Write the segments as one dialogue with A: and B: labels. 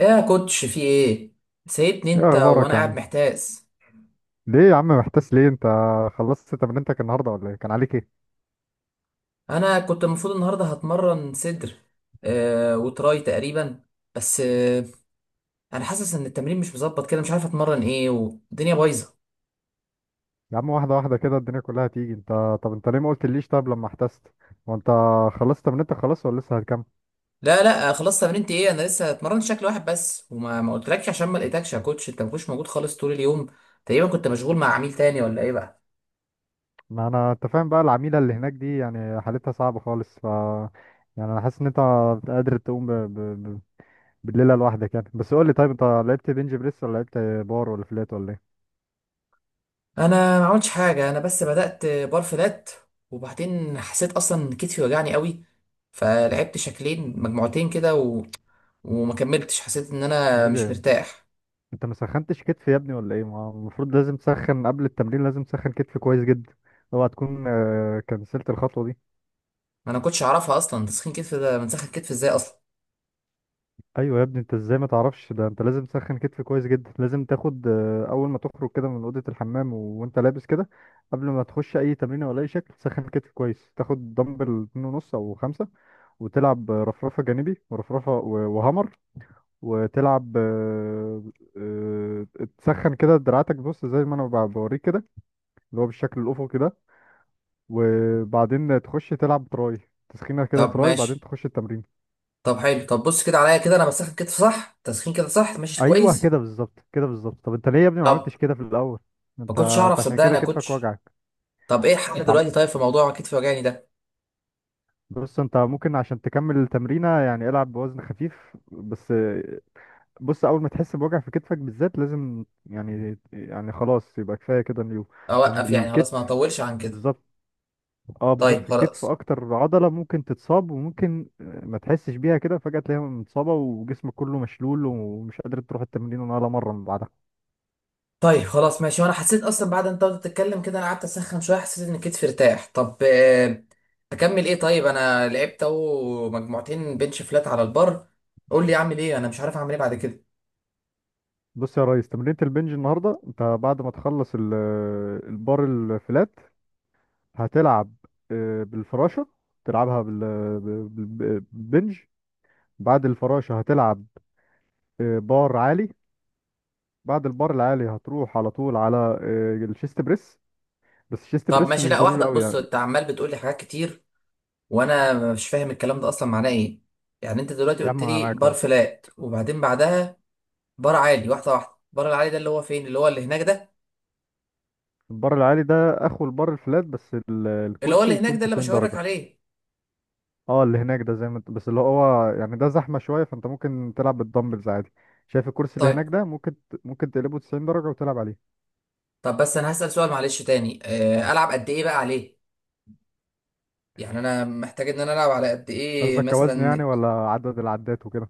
A: ايه يا كوتش؟ في ايه؟ سيبني
B: ايه
A: انت،
B: اخبارك
A: وانا
B: يا
A: قاعد
B: عم؟
A: محتاس.
B: ليه يا عم محتاس ليه انت؟ خلصت تمرينتك النهارده ولا ايه؟ كان عليك ايه؟
A: انا كنت المفروض النهارده هتمرن صدر وتراي تقريبا. بس انا حاسس ان التمرين مش مظبط كده، مش عارف اتمرن ايه والدنيا بايظه.
B: يا عم، واحده واحده كده الدنيا كلها هتيجي. انت طب انت ليه ما قلتليش؟ طب لما احتست وانت خلصت تمرينتك خلاص ولا لسه هتكمل؟
A: لا لا، خلاص. تمرينتي ايه؟ انا لسه اتمرنت شكل واحد بس، وما ما قلتلكش عشان ما لقيتكش يا كوتش، انت ما كنتش موجود خالص طول اليوم، تقريبا كنت مشغول مع عميل تاني ولا ايه بقى؟
B: ما انا انت فاهم بقى، العميله اللي هناك دي يعني حالتها صعبه خالص، ف يعني انا حاسس ان انت قادر تقوم ب... بالليله لوحدك يعني. بس قول لي، طيب انت لعبت بنج بريس ولا لعبت بار ولا فلات ولا ايه؟
A: انا ما عملتش حاجه، انا بس بدات بار فلات، وبعدين حسيت اصلا كتفي وجعني قوي، فلعبت شكلين مجموعتين كده وما كملتش، حسيت ان انا
B: ايه
A: مش
B: ده!
A: مرتاح.
B: انت ما سخنتش كتف يا ابني ولا ايه؟ ما هو المفروض لازم تسخن قبل التمرين، لازم تسخن كتف كويس جدا. اوعى تكون كنسلت الخطوه دي.
A: ما انا كنتش اعرفها اصلا، تسخين كتف ده بنسخن كتف ازاي اصلا؟
B: ايوه يا ابني، انت ازاي ما تعرفش ده؟ انت لازم تسخن كتف كويس جدا. لازم تاخد اول ما تخرج كده من اوضه الحمام وانت لابس كده قبل ما تخش اي تمرين ولا اي شكل، تسخن كتف كويس. تاخد دمبل 2.5 او 5 وتلعب رفرفه جانبي ورفرفه وهامر. وتلعب آه، تسخن كده دراعاتك. بص زي ما انا بوريك كده، اللي هو بالشكل الافقي ده. وبعدين تخش تلعب تراي، تسخينه كده
A: طب
B: تراي، بعدين
A: ماشي.
B: تخش التمرين.
A: طب حلو، طب بص كده عليا، كده انا بسخن كتف صح؟ تسخين كده صح؟ ماشي
B: ايوه
A: كويس.
B: كده بالظبط، كده بالظبط. طب انت ليه يا ابني ما
A: طب
B: عملتش كده في الاول؟
A: ما
B: انت
A: كنتش اعرف
B: انت عشان
A: صدقني
B: كده
A: يا
B: كتفك
A: كوتش.
B: وجعك.
A: طب ايه الحل
B: انت عم...
A: دلوقتي، طيب في موضوع كتفي وجعني ده؟
B: بص انت ممكن عشان تكمل التمرينه يعني العب بوزن خفيف بس. بص، اول ما تحس بوجع في كتفك بالذات لازم، يعني خلاص يبقى كفايه كده اليوم، لان
A: اوقف يعني؟ خلاص ما
B: الكتف،
A: هطولش عن كده.
B: بالظبط. اه بالظبط،
A: طيب
B: في الكتف
A: خلاص.
B: اكتر عضلة ممكن تتصاب. وممكن ما تحسش بيها كده، فجأة تلاقيها متصابة وجسمك كله مشلول ومش قادر تروح التمرين ولا مرة من بعدها.
A: طيب خلاص ماشي. وانا حسيت اصلا بعد انت قعدت تتكلم كده، انا قعدت اسخن شويه، حسيت ان كتفي ارتاح. طب اكمل ايه طيب؟ انا لعبت اهو مجموعتين بنش فلات على البر، قول لي اعمل ايه، انا مش عارف اعمل ايه بعد كده.
B: بص يا ريس، تمرينة البنج النهاردة انت بعد ما تخلص البار الفلات، هتلعب بالفراشة. تلعبها بالبنج. بعد الفراشة هتلعب بار عالي. بعد البار العالي هتروح على طول على الشيست بريس، بس الشيست
A: طب
B: بريس
A: ماشي،
B: مش
A: لا
B: ضروري
A: واحده،
B: قوي
A: بص
B: يعني.
A: انت عمال بتقول لي حاجات كتير وانا مش فاهم الكلام ده اصلا معناه ايه. يعني انت دلوقتي
B: يا
A: قلت
B: عم انا
A: لي
B: معاك
A: بار
B: اهو.
A: فلات وبعدين بعدها بار عالي، واحده واحده. بار العالي ده اللي هو فين؟ اللي هو اللي هناك ده؟
B: البار العالي ده اخو البار الفلات، بس
A: اللي هو
B: الكرسي
A: اللي هناك
B: يكون
A: ده اللي
B: 90
A: بشاور لك
B: درجة.
A: عليه.
B: اه، اللي هناك ده زي ما انت بس، اللي هو يعني ده زحمة شوية، فانت ممكن تلعب بالدمبلز عادي. شايف الكرسي اللي
A: طيب.
B: هناك ده؟ ممكن ممكن تقلبه 90 درجة وتلعب عليه.
A: طب بس انا هسأل سؤال معلش تاني، العب قد ايه بقى عليه؟ يعني انا محتاج ان انا العب على قد ايه
B: قصدك كوزن يعني
A: مثلا؟
B: ولا عدد العدات وكده؟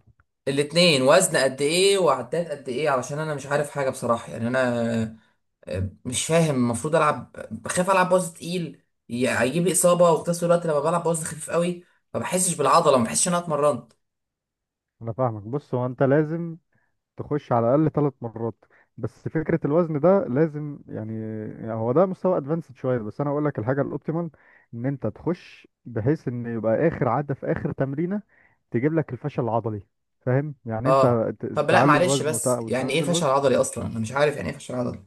A: الاتنين، وزن قد ايه وعدات قد ايه؟ علشان انا مش عارف حاجه بصراحه، يعني انا مش فاهم المفروض العب. بخاف العب وزن تقيل هيجيب لي اصابه، وفي نفس الوقت لما بلعب وزن خفيف قوي ما بحسش بالعضله، ما بحسش ان انا اتمرنت.
B: انا فاهمك. بص، هو انت لازم تخش على الاقل 3 مرات. بس فكره الوزن ده لازم، يعني، يعني هو ده مستوى ادفانسد شويه، بس انا اقول لك الحاجه الاوبتيمال: ان انت تخش بحيث ان يبقى اخر عده في اخر تمرينه تجيب لك الفشل العضلي، فاهم يعني انت؟
A: اه طب، لا
B: تعلي
A: معلش،
B: الوزن
A: بس يعني ايه
B: وتنزل
A: فشل
B: الوزن.
A: عضلي اصلا؟ انا مش عارف يعني ايه فشل عضلي.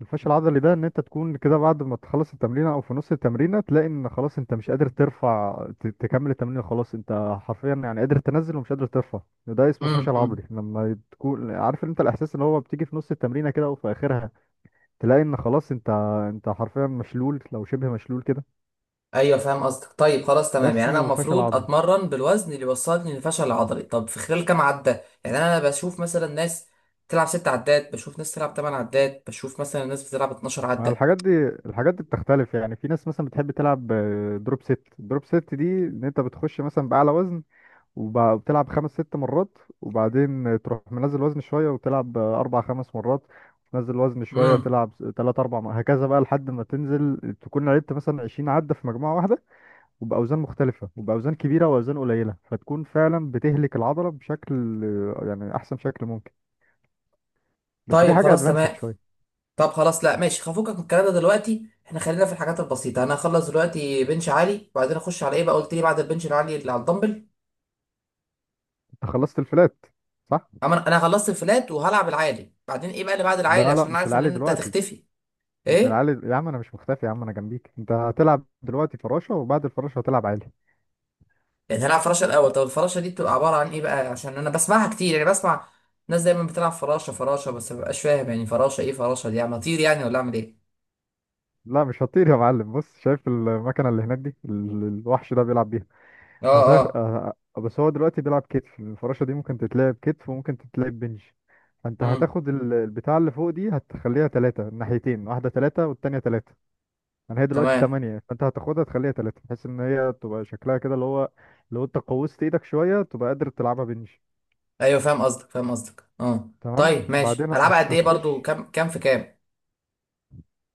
B: الفشل العضلي ده ان انت تكون كده بعد ما تخلص التمرينه او في نص التمرينه، تلاقي ان خلاص انت مش قادر ترفع، تكمل التمرين خلاص. انت حرفيا يعني قادر تنزل ومش قادر ترفع. ده اسمه فشل
A: امم.
B: عضلي. لما تكون عارف انت الاحساس اللي هو بتيجي في نص التمرينه كده وفي اخرها، تلاقي ان خلاص انت حرفيا مشلول، لو شبه مشلول كده،
A: ايوه فاهم قصدك، طيب خلاص
B: ده
A: تمام، يعني انا
B: اسمه فشل
A: المفروض
B: عضلي.
A: اتمرن بالوزن اللي يوصلني للفشل العضلي؟ طب في خلال كام عده؟ يعني انا بشوف مثلا ناس تلعب 6 عدات، بشوف ناس تلعب 8 عدات، بشوف مثلا ناس بتلعب 12
B: ما
A: عده.
B: الحاجات دي، الحاجات دي بتختلف. يعني في ناس مثلا بتحب تلعب دروب ست. دروب ست دي ان انت بتخش مثلا باعلى وزن وبتلعب خمس ست مرات، وبعدين تروح منزل وزن شوية وتلعب أربع خمس مرات، تنزل وزن شوية
A: امم.
B: تلعب تلات أربع هكذا بقى، لحد ما تنزل تكون لعبت مثلا 20 عدة في مجموعة واحدة، وبأوزان مختلفة، وبأوزان كبيرة وأوزان قليلة. فتكون فعلا بتهلك العضلة بشكل، يعني أحسن شكل ممكن. بس دي
A: طيب
B: حاجة
A: خلاص
B: أدفانسد
A: تمام.
B: شوية.
A: طب خلاص، لا ماشي، هفكك من الكلام ده دلوقتي، احنا خلينا في الحاجات البسيطه. انا هخلص دلوقتي بنش عالي، وبعدين اخش على ايه بقى؟ قلت لي بعد البنش العالي اللي على الدمبل.
B: أنت خلصت الفلات، صح؟
A: اما انا خلصت الفلات وهلعب العالي، بعدين ايه بقى اللي بعد العالي؟
B: لا لا،
A: عشان انا
B: مش
A: عارف ان
B: العالي
A: انت
B: دلوقتي.
A: هتختفي.
B: مش
A: ايه؟
B: العالي يا عم، أنا مش مختفي يا عم، أنا جنبيك. أنت هتلعب دلوقتي فراشة، وبعد الفراشة هتلعب عالي.
A: يعني هنلعب فراشه الاول؟ طب الفراشه دي بتبقى عباره عن ايه بقى؟ عشان انا بسمعها كتير، يعني بسمع ناس دايما بتلعب فراشه فراشه، بس ما ببقاش فاهم يعني فراشه ايه. فراشه دي يعني اطير يعني ولا اعمل ايه؟
B: لا مش هطير يا معلم. بص، شايف المكنه اللي هناك دي، الوحش ده بيلعب بيها.
A: اه،
B: هتاخ...
A: اه.
B: آه، آه، بس هو دلوقتي بيلعب كتف. الفراشه دي ممكن تتلعب كتف وممكن تتلعب بنج. فانت
A: امم.
B: هتاخد البتاع اللي فوق دي هتخليها 3. الناحيتين، واحده 3 والتانيه 3، يعني هي دلوقتي
A: تمام.
B: 8، فانت هتاخدها تخليها 3، بحيث ان هي تبقى شكلها كده اللي هو، لو انت قوست ايدك شويه تبقى قادر تلعبها بنج.
A: ايوه فاهم قصدك، فاهم قصدك، اه.
B: تمام؟
A: طيب ماشي،
B: بعدين
A: هلعبها قد ايه برضو؟
B: هتخش.
A: كام كام في كام؟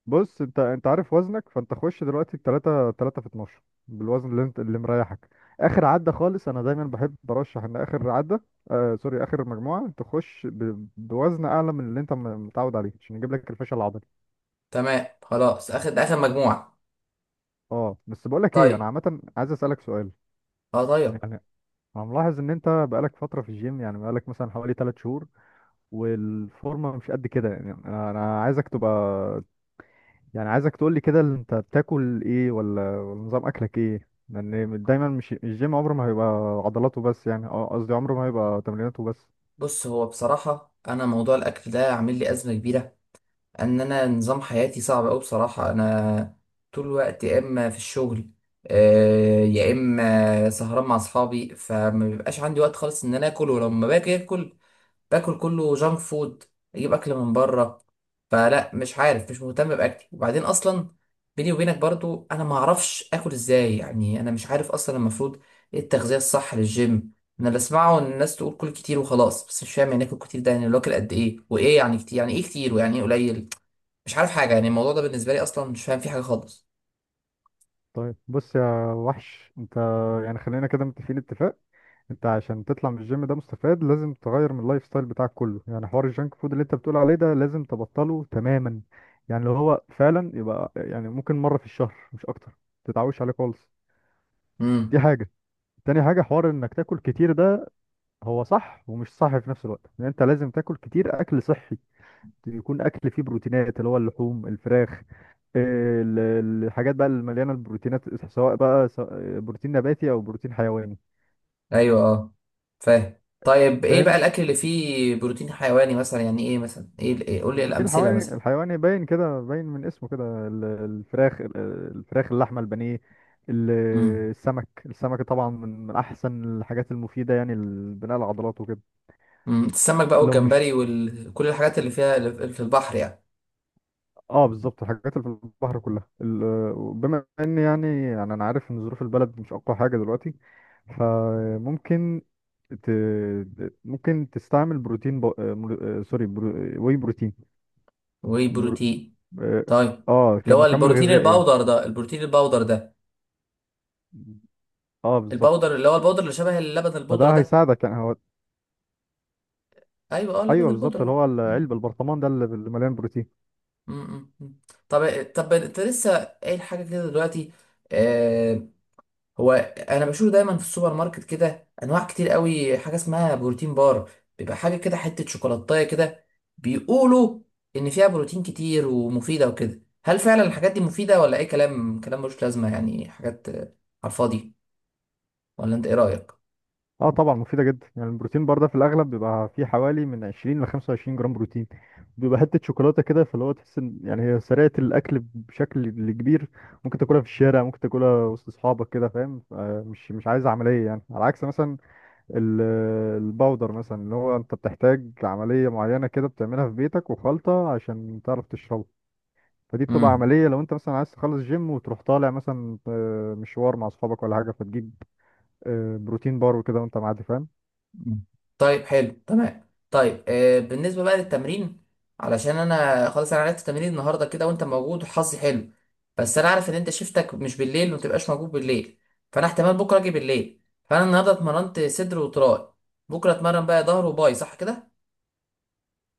B: بص، انت عارف وزنك، فانت خش دلوقتي التلاتة، 3 في 12، بالوزن اللي انت، اللي مريحك. اخر عدة خالص انا دايما بحب برشح ان اخر عدة، آه سوري، اخر مجموعة تخش بوزن اعلى من اللي انت متعود عليه، عشان يجيب لك الفشل العضلي.
A: تمام خلاص، اخد ده اخر مجموعه.
B: اه، بس بقول لك ايه، انا
A: طيب.
B: عامة عايز اسالك سؤال.
A: اه
B: يعني
A: طيب.
B: انا ملاحظ ان انت بقالك فترة في الجيم، يعني بقالك مثلا حوالي 3 شهور والفورمة مش قد كده. يعني أنا عايزك تبقى، يعني عايزك تقول لي كده اللي انت بتاكل ايه، ولا نظام اكلك ايه، لان دايما مش الجيم عمره ما هيبقى عضلاته بس، يعني اه قصدي عمره ما هيبقى تمريناته بس.
A: بص هو بصراحه انا موضوع الاكل ده عامل لي ازمه كبيره، ان انا نظام حياتي صعب قوي بصراحه. انا طول الوقت يا اما في الشغل يا اما سهران مع اصحابي، فما بيبقاش عندي وقت خالص ان انا اكل، ولما باجي اكل باكل كله جانك فود، اجيب اكل من بره. فلا، مش عارف، مش مهتم باكلي، وبعدين اصلا بيني وبينك برضو، انا ما اعرفش اكل ازاي. يعني انا مش عارف اصلا المفروض ايه التغذيه الصح للجيم. انا اللي بسمعه ان الناس تقول كل كتير وخلاص، بس مش فاهم يعني اكل كتير ده يعني لو اكل قد ايه؟ وايه يعني كتير؟ يعني ايه كتير ويعني ايه قليل؟ مش عارف حاجة، يعني الموضوع ده بالنسبة لي أصلا مش فاهم فيه حاجة خالص.
B: طيب بص يا وحش، انت يعني خلينا كده متفقين اتفاق. انت عشان تطلع من الجيم ده مستفاد لازم تغير من اللايف ستايل بتاعك كله. يعني حوار الجانك فود اللي انت بتقول عليه ده لازم تبطله تماما. يعني لو هو فعلا يبقى يعني ممكن مرة في الشهر مش اكتر، تتعوش عليه خالص. دي
A: امم.
B: حاجة. تاني حاجة، حوار انك تاكل كتير ده هو صح ومش صح في نفس الوقت، لان انت لازم تاكل كتير اكل صحي، يكون اكل فيه بروتينات، اللي هو اللحوم، الفراخ، الحاجات بقى المليانه البروتينات، سواء بقى بروتين نباتي او بروتين حيواني،
A: أيوه، أه. فاهم. طيب إيه بقى
B: فاهم؟
A: الأكل اللي فيه بروتين حيواني مثلا؟ يعني إيه مثلا؟ إيه إيه؟ قول لي إيه
B: البروتين
A: الأمثلة
B: الحيواني،
A: مثلا.
B: الحيواني باين كده، باين من اسمه كده، الفراخ، الفراخ، اللحمه، البانيه، ال-
A: امم.
B: السمك. السمك طبعا من احسن الحاجات المفيده يعني لبناء العضلات وكده.
A: امم، السمك بقى
B: لو مش،
A: والجمبري وكل الحاجات اللي فيها، اللي في البحر يعني.
B: اه بالظبط الحاجات اللي في البحر كلها. بما ان يعني، انا عارف ان ظروف البلد مش اقوى حاجه دلوقتي، فممكن ت... ممكن تستعمل بروتين ب... آه، مر- آه، سوري برو... آه، واي بروتين، برو...
A: وبروتين.
B: اه،
A: طيب. اللي هو
B: كمكمل
A: البروتين
B: غذائي يعني.
A: الباودر ده، البروتين الباودر ده،
B: اه بالظبط.
A: الباودر اللي هو الباودر اللي شبه اللبن البودرة
B: فده
A: ده.
B: هيساعدك يعني. هو
A: أيوه، أه، لبن
B: ايوه بالظبط، اللي
A: البودرة.
B: هو
A: أمم،
B: العلب البرطمان ده اللي مليان بروتين.
A: أمم، أمم. طب طب، أنت لسه قايل حاجة كده دلوقتي. آه، هو انا بشوف دايما في السوبر ماركت كده انواع كتير قوي حاجه اسمها بروتين بار، بيبقى حاجه كده حته شوكولاتايه كده، بيقولوا ان فيها بروتين كتير ومفيده وكده. هل فعلا الحاجات دي مفيده ولا اي كلام، كلام ملوش لازمه، يعني حاجات على الفاضي؟ ولا انت ايه رايك؟
B: اه طبعا مفيدة جدا يعني. البروتين بار ده في الأغلب بيبقى فيه حوالي من 20 ل 25 جرام بروتين، بيبقى حتة شوكولاتة كده، فاللي هو تحس إن يعني هي سريعة الأكل بشكل كبير. ممكن تاكلها في الشارع، ممكن تاكلها وسط أصحابك كده، فاهم؟ مش عايز عملية، يعني على عكس مثلا ال- الباودر مثلا، اللي هو أنت بتحتاج عملية معينة كده بتعملها في بيتك وخلطة عشان تعرف تشربها. فدي بتبقى عملية. لو أنت مثلا عايز تخلص جيم وتروح طالع مثلا مشوار مع أصحابك ولا حاجة، فتجيب بروتين بار وكده وأنت معدي، فاهم؟
A: مم. طيب حلو تمام. طيب آه، بالنسبة بقى للتمرين، علشان انا خلاص انا عرفت تمرين النهارده كده وانت موجود وحظي حلو، بس انا عارف ان انت شفتك مش بالليل ومتبقاش موجود بالليل، فانا احتمال بكره اجي بالليل. فانا النهارده اتمرنت صدر وتراي، بكره اتمرن بقى ظهر وباي، صح كده؟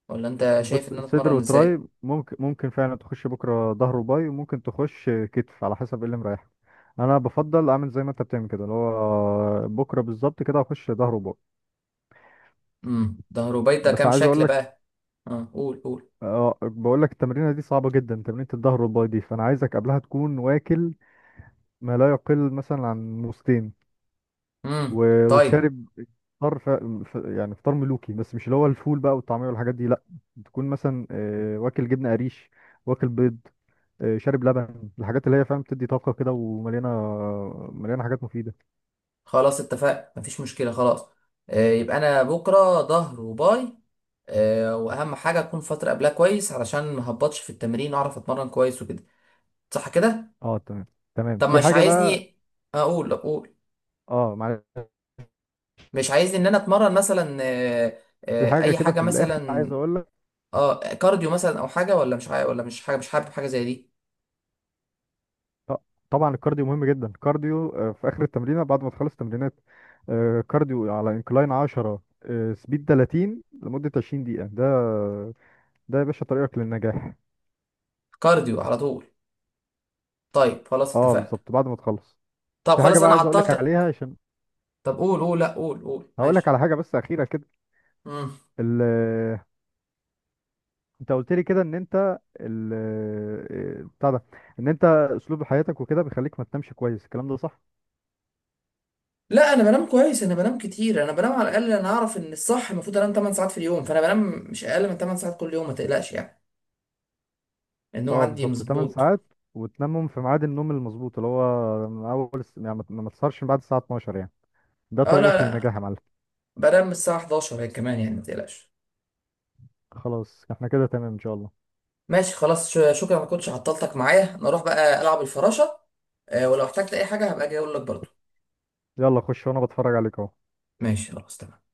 A: ولا انت شايف
B: بص،
A: ان انا
B: صدر
A: اتمرن
B: وتراي،
A: ازاي؟
B: ممكن فعلا تخش بكره ظهر وباي، وممكن تخش كتف، على حسب ايه اللي مريحك. انا بفضل اعمل زي ما انت بتعمل كده، اللي هو بكره بالظبط كده هخش ظهر وباي.
A: امم، ظهر وباي ده
B: بس
A: كام
B: عايز اقول
A: شكل
B: لك،
A: بقى؟ اه، قول قول.
B: أه بقول لك التمرينه دي صعبه جدا، تمرينه الظهر والباي دي، فانا عايزك قبلها تكون واكل ما لا يقل مثلا عن ساعتين ونص. مم.
A: امم، طيب
B: وشارب فطار. يعني فطار ملوكي، بس مش اللي هو الفول بقى والطعمية والحاجات دي لا. تكون مثلا واكل جبنة قريش، واكل بيض، شارب لبن، الحاجات اللي هي فاهم بتدي طاقة كده، ومليانة، حاجات مفيدة.
A: خلاص اتفقنا، مفيش مشكله خلاص. آه، يبقى انا بكره ظهر وباي. واهم حاجه اكون فتره قبلها كويس علشان ما هبطش في التمرين، اعرف اتمرن كويس وكده. صح كده؟
B: اه تمام. تمام،
A: طب
B: في
A: مش
B: حاجة بقى.
A: عايزني اقول اقول؟
B: اه معلش،
A: مش عايزني ان انا اتمرن مثلا
B: في حاجة
A: اي
B: كده
A: حاجه
B: في الآخر عايز
A: مثلا؟
B: أقول لك.
A: اه، كارديو مثلا او حاجه؟ ولا مش عاي... ولا مش حاجه، مش حابب حاجه زي دي؟
B: آه، طبعا الكارديو مهم جدا، الكارديو في آخر التمرينة بعد ما تخلص تمرينات. كارديو على انكلاين 10، سبيد 30، لمدة 20 دقيقة. ده ده يا باشا طريقك للنجاح.
A: كارديو على طول؟ طيب خلاص
B: اه
A: اتفقنا.
B: بالظبط بعد ما تخلص.
A: طب
B: في حاجه
A: خلاص
B: بقى
A: انا
B: عايز اقول لك
A: عطلتك.
B: عليها، عشان
A: طب قول قول، لا قول قول
B: هقول لك
A: ماشي.
B: على حاجه بس اخيره كده.
A: مم.
B: ال... انت قلت لي كده ان انت ال... آه، بتاع ده، ان انت اسلوب حياتك وكده بيخليك ما تنامش كويس، الكلام ده صح؟
A: لا، انا بنام كويس، انا بنام كتير، انا بنام على الاقل. انا اعرف ان الصح المفروض انام 8 ساعات في اليوم، فانا بنام مش اقل من 8 ساعات كل يوم، ما تقلقش يعني. النوم
B: اه
A: عندي
B: بالظبط، 8
A: مظبوط.
B: ساعات، وتنامهم في ميعاد النوم المظبوط، اللي هو من اول يعني ما تسهرش من بعد الساعه 12 يعني، ده
A: اه لا
B: طريقك
A: لا،
B: للنجاح يا معلم.
A: بنام الساعة 11 هي كمان، يعني ما تقلقش.
B: خلاص احنا كده تمام ان شاء الله.
A: ماشي خلاص، شكرا، ما كنتش عطلتك معايا، نروح بقى ألعب الفراشة. ولو احتجت أي حاجة هبقى أجي أقول لك برضو.
B: يلا خش وانا بتفرج عليك اهو.
A: ماشي خلاص تمام.